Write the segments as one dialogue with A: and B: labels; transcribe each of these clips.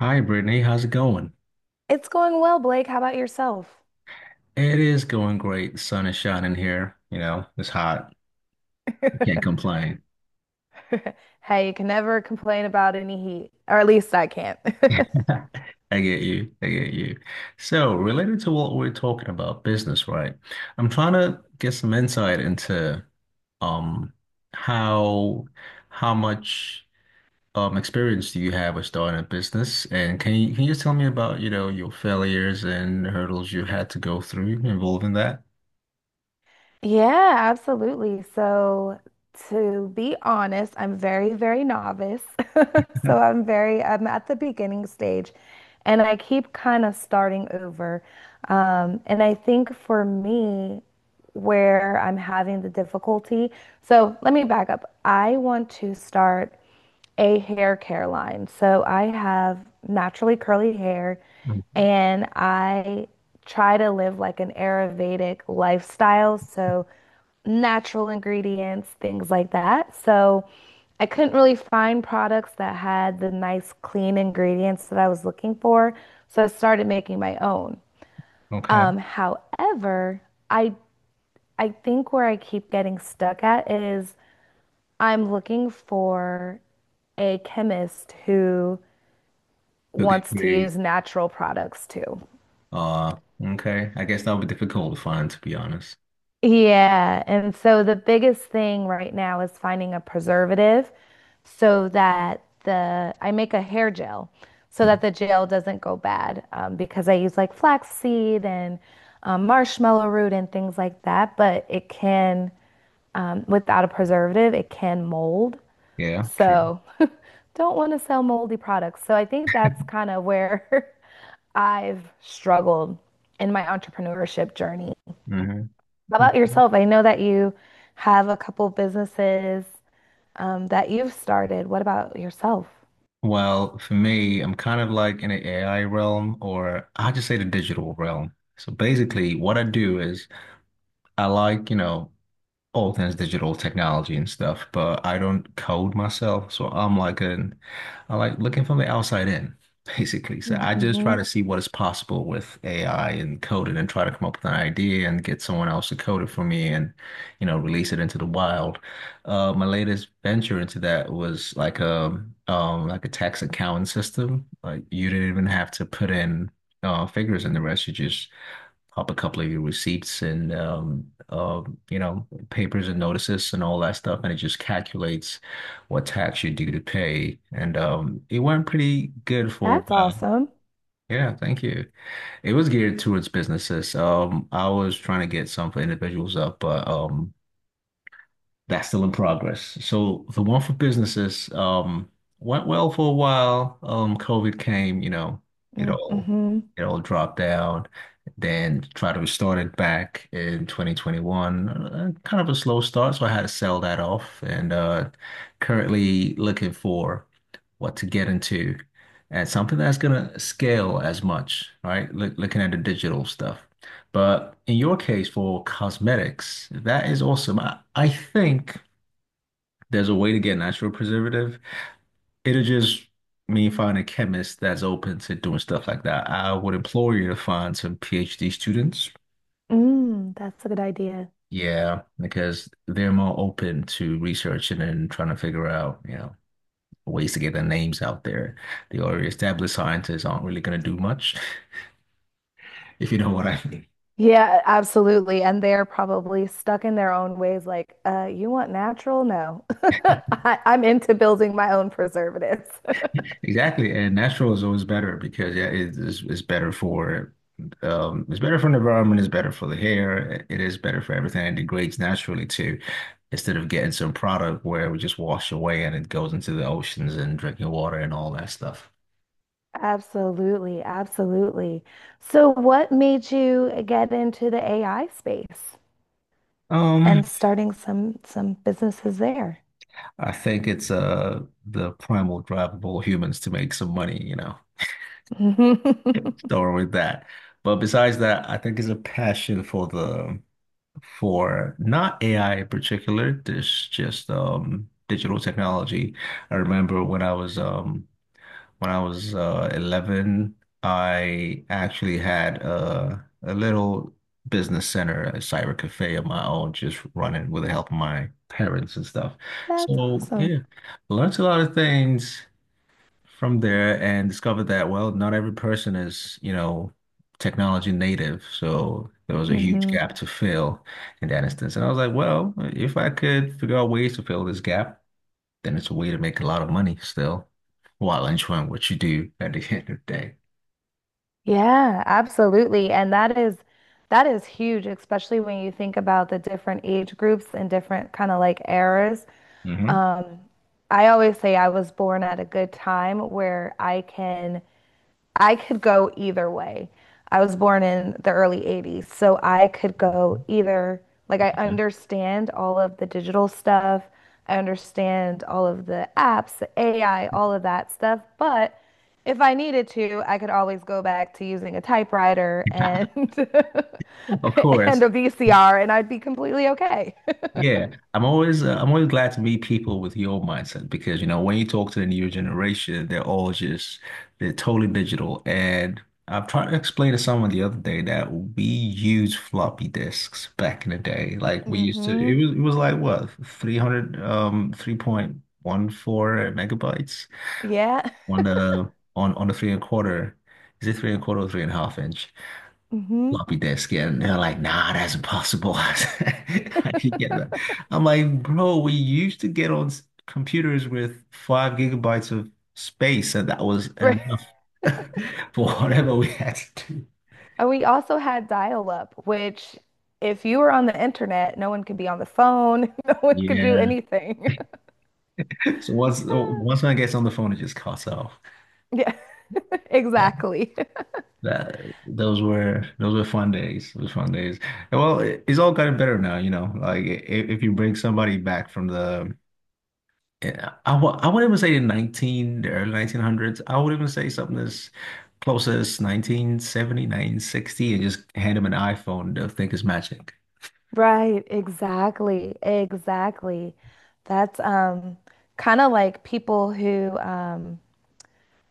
A: Hi, Brittany. How's it going?
B: It's going well, Blake. How about yourself?
A: It is going great. The sun is shining here. It's hot. You can't complain.
B: Hey, you can never complain about any heat, or at least I can't.
A: I get you. I get you. So, related to what we're talking about, business, right? I'm trying to get some insight into um how how much experience do you have with starting a business? And can you just tell me about your failures and hurdles you had to go through involving that?
B: Yeah, absolutely. So, to be honest, I'm very novice. So, I'm at the beginning stage and I keep kind of starting over. And I think for me, where I'm having the difficulty, so let me back up. I want to start a hair care line. So I have naturally curly hair
A: Mm.
B: and I try to live like an Ayurvedic lifestyle. So natural ingredients, things like that. So I couldn't really find products that had the nice, clean ingredients that I was looking for. So I started making my own.
A: Okay.
B: However, I I think where I keep getting stuck at is I'm looking for a chemist who
A: Okay,
B: wants to
A: great.
B: use natural products too.
A: Uh, okay. I guess that'll be difficult to find, to be honest.
B: Yeah, and so the biggest thing right now is finding a preservative so that the I make a hair gel so that
A: Mhm.
B: the gel doesn't go bad, because I use like flaxseed and marshmallow root and things like that, but it can, without a preservative, it can mold.
A: Yeah, true.
B: So don't want to sell moldy products. So I think that's kind of where I've struggled in my entrepreneurship journey.
A: Hmm.
B: How about yourself? I know that you have a couple businesses, that you've started. What about yourself?
A: Well, for me, I'm kind of like in the AI realm, or I just say the digital realm. So basically, what I do is I like all things digital technology and stuff, but I don't code myself. So I like looking from the outside in, basically. So I just try
B: Mm-hmm.
A: to see what is possible with AI and code it, and try to come up with an idea and get someone else to code it for me and, release it into the wild. My latest venture into that was like a tax accounting system. Like you didn't even have to put in figures in the rest. You just up a couple of your receipts and papers and notices and all that stuff, and it just calculates what tax you're due to pay. And it went pretty good for a
B: That's
A: while.
B: awesome.
A: Yeah, thank you. It was geared towards businesses. I was trying to get some for individuals up, but that's still in progress. So the one for businesses went well for a while. COVID came. it all
B: Mm-hmm.
A: it all dropped down. Then tried to restart it back in 2021. Kind of a slow start, so I had to sell that off. And currently looking for what to get into and something that's gonna scale as much, right? Looking at the digital stuff. But in your case, for cosmetics, that is awesome. I think there's a way to get natural preservative. It'll just mean find a chemist that's open to doing stuff like that. I would implore you to find some PhD students.
B: Mm, that's a good idea.
A: Yeah, because they're more open to researching and trying to figure out, ways to get their names out there. The already established scientists aren't really going to do much, if you know what I mean.
B: Yeah, absolutely. And they're probably stuck in their own ways, like, you want natural? No. I'm into building my own preservatives.
A: Exactly, and natural is always better because yeah, it's better for the environment, it's better for the hair, it is better for everything. It degrades naturally too, instead of getting some product where we just wash away and it goes into the oceans and drinking water and all that stuff.
B: Absolutely, absolutely. So what made you get into the AI space and
A: Um,
B: starting some businesses there?
A: I think it's the primal drive of all humans to make some money.
B: That's
A: Don't worry with that. But besides that, I think it's a passion for not AI in particular, this just digital technology. I remember when I was 11, I actually had a little business center, a cyber cafe of my own, just running with the help of my parents and stuff. So
B: awesome.
A: yeah, learned a lot of things from there and discovered that, well, not every person is, technology native. So there was a huge
B: Hmm.
A: gap to fill in that instance. And I was like, well, if I could figure out ways to fill this gap, then it's a way to make a lot of money still while enjoying what you do at the end of the day.
B: Yeah, absolutely. And that is huge, especially when you think about the different age groups and different kind of like eras.
A: Hmm.
B: Um, I always say I was born at a good time where I could go either way. I was born in the early 80s, so I could go either, like, I understand all of the digital stuff, I understand all of the apps, the AI, all of that stuff, but if I needed to, I could always go back to using a typewriter and
A: Of
B: and
A: course.
B: a VCR, and I'd be completely okay.
A: Yeah, I'm always glad to meet people with your mindset because when you talk to the newer generation, they're all just they're totally digital. And I've tried to explain to someone the other day that we used floppy disks back in the day. Like we used to, it
B: Hmm.
A: was it was like what 300 3.14 megabytes
B: Yeah.
A: on the three and a quarter. Is it three and a quarter or three and a half inch?
B: Hmm.
A: Floppy disk, and they're like, nah, that's impossible. I didn't get that. I'm like, bro, we used to get on computers with 5 gigabytes of space, and that was enough for whatever we had to do.
B: And we also had dial-up, which if you were on the internet, no one could be on the phone, no one could do
A: Yeah,
B: anything.
A: so once I gets on the phone, it just cuts off.
B: Yeah,
A: And
B: exactly.
A: that those were fun days, those fun days. And well, it's all gotten better now, you know, like if you bring somebody back from the. Yeah, I wouldn't even say the early 1900s. I would even say something as close as 1970, and just hand them an iPhone. They'll think it's magic.
B: Right, exactly, exactly. That's kind of like people who,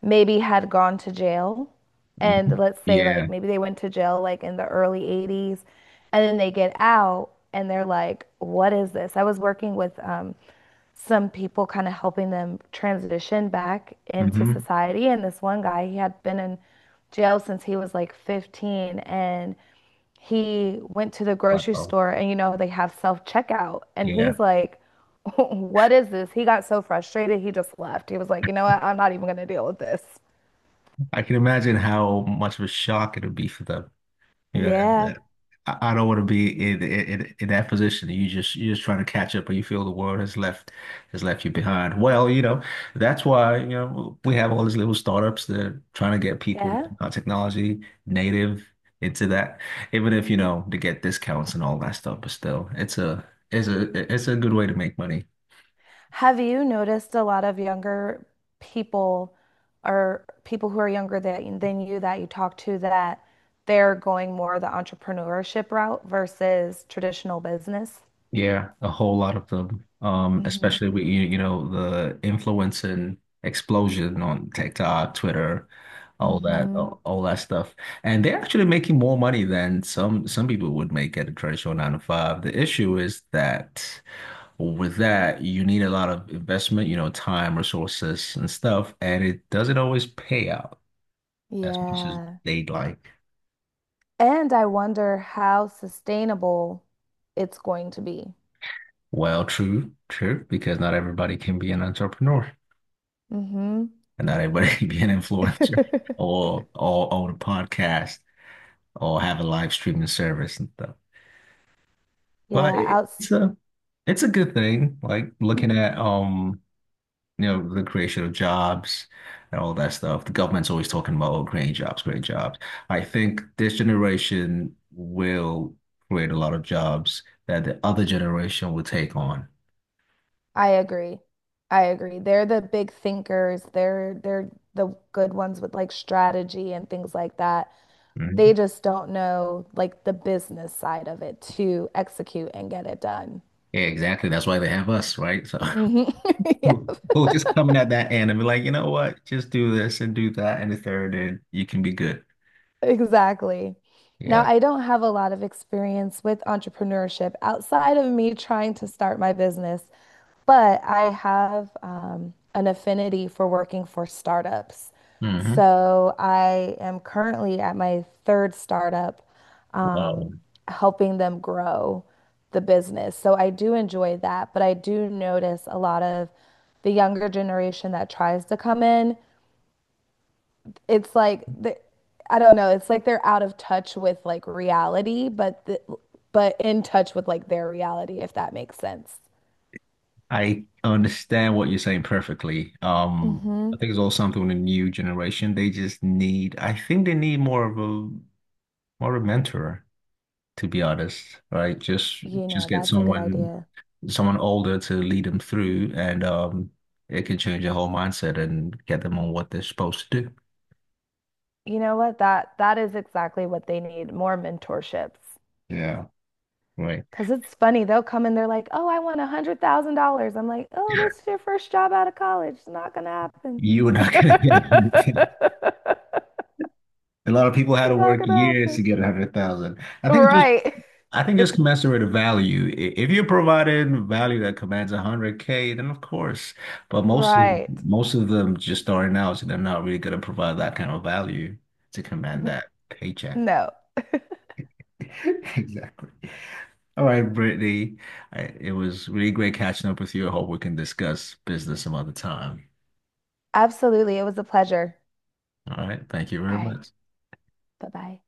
B: maybe had gone to jail. And
A: Mhm.
B: let's say,
A: Yeah.
B: like, maybe they went to jail like in the early 80s, and then they get out and they're like, what is this? I was working with, some people kind of helping them transition back into
A: Hmm.
B: society. And this one guy, he had been in jail since he was like 15, and he went to the grocery
A: Wow.
B: store and you know they have self-checkout and
A: Yeah.
B: he's like what is this, he got so frustrated he just left, he was like you know what, I'm not even going to deal with this.
A: I can imagine how much of a shock it would be for them. You know,
B: Yeah.
A: that- I don't want to be in that position. You're just trying to catch up, but you feel the world has left you behind. Well, that's why, we have all these little startups that are trying to get people
B: Yeah.
A: not technology native into that, even if to get discounts and all that stuff, but still, it's a good way to make money.
B: Have you noticed a lot of younger people or people who are younger that, than you that you talk to that they're going more the entrepreneurship route versus traditional business?
A: Yeah, a whole lot of them.
B: Mm-hmm.
A: Especially with you, you know, the influence and explosion on TikTok, Twitter, all that,
B: Mm-hmm.
A: all, all that stuff. And they're actually making more money than some people would make at a traditional nine to five. The issue is that, well, with that, you need a lot of investment, time, resources, and stuff, and it doesn't always pay out as much as
B: Yeah.
A: they'd like.
B: And I wonder how sustainable it's going to be.
A: Well, true, true, because not everybody can be an entrepreneur,
B: Hmm.
A: and not everybody can be an influencer or own a podcast or have a live streaming service and stuff. But
B: Yeah,
A: it-
B: outs
A: it's a it's a good thing. Like looking at the creation of jobs and all that stuff. The government's always talking about, oh, creating jobs, creating jobs. I think this generation will create a lot of jobs that the other generation will take on.
B: I agree. I agree. They're the big thinkers. They're the good ones with like strategy and things like that. They
A: Mhm.
B: just don't know like the business side of it to execute and get it done.
A: Yeah, exactly. That's why they have us, right? So
B: Hmm. Yeah.
A: we'll just coming at that end and be like, you know what? Just do this and do that and the third, and you can be good.
B: Exactly. Now,
A: Yeah.
B: I don't have a lot of experience with entrepreneurship outside of me trying to start my business, but I have, an affinity for working for startups.
A: Hmm.
B: So I am currently at my third startup,
A: Wow.
B: um, helping them grow the business. So I do enjoy that, but I do notice a lot of the younger generation that tries to come in, it's like I don't know, it's like they're out of touch with like reality, but but in touch with like their reality, if that makes sense.
A: I understand what you're saying perfectly.
B: Mm-hmm.
A: I think it's all something with the new generation. They just need, I think they need more of a mentor, to be honest, right? Just
B: You
A: just
B: know,
A: get
B: that's a good
A: someone
B: idea.
A: someone older to lead them through and it can change their whole mindset and get them on what they're supposed to do.
B: You know what? That is exactly what they need, more mentorships.
A: Yeah, right.
B: Because it's funny, they'll come and they're like, "Oh, I want $100,000." I'm like, "Oh, this is your first job out of college. It's not gonna happen.
A: You are not gonna get 100,000. A lot of people
B: It's
A: had to
B: not
A: work
B: gonna
A: years
B: happen."
A: to get 100,000. I think
B: Right.
A: I think just commensurate of value. If you're providing value that commands 100K, then of course. But most of
B: Right.
A: most of them just starting out, so they're not really going to provide that kind of value to command that paycheck.
B: No.
A: Exactly. All right, Brittany. It was really great catching up with you. I hope we can discuss business some other time.
B: Absolutely. It was a pleasure.
A: All right. Thank you very
B: All right.
A: much.
B: Bye bye.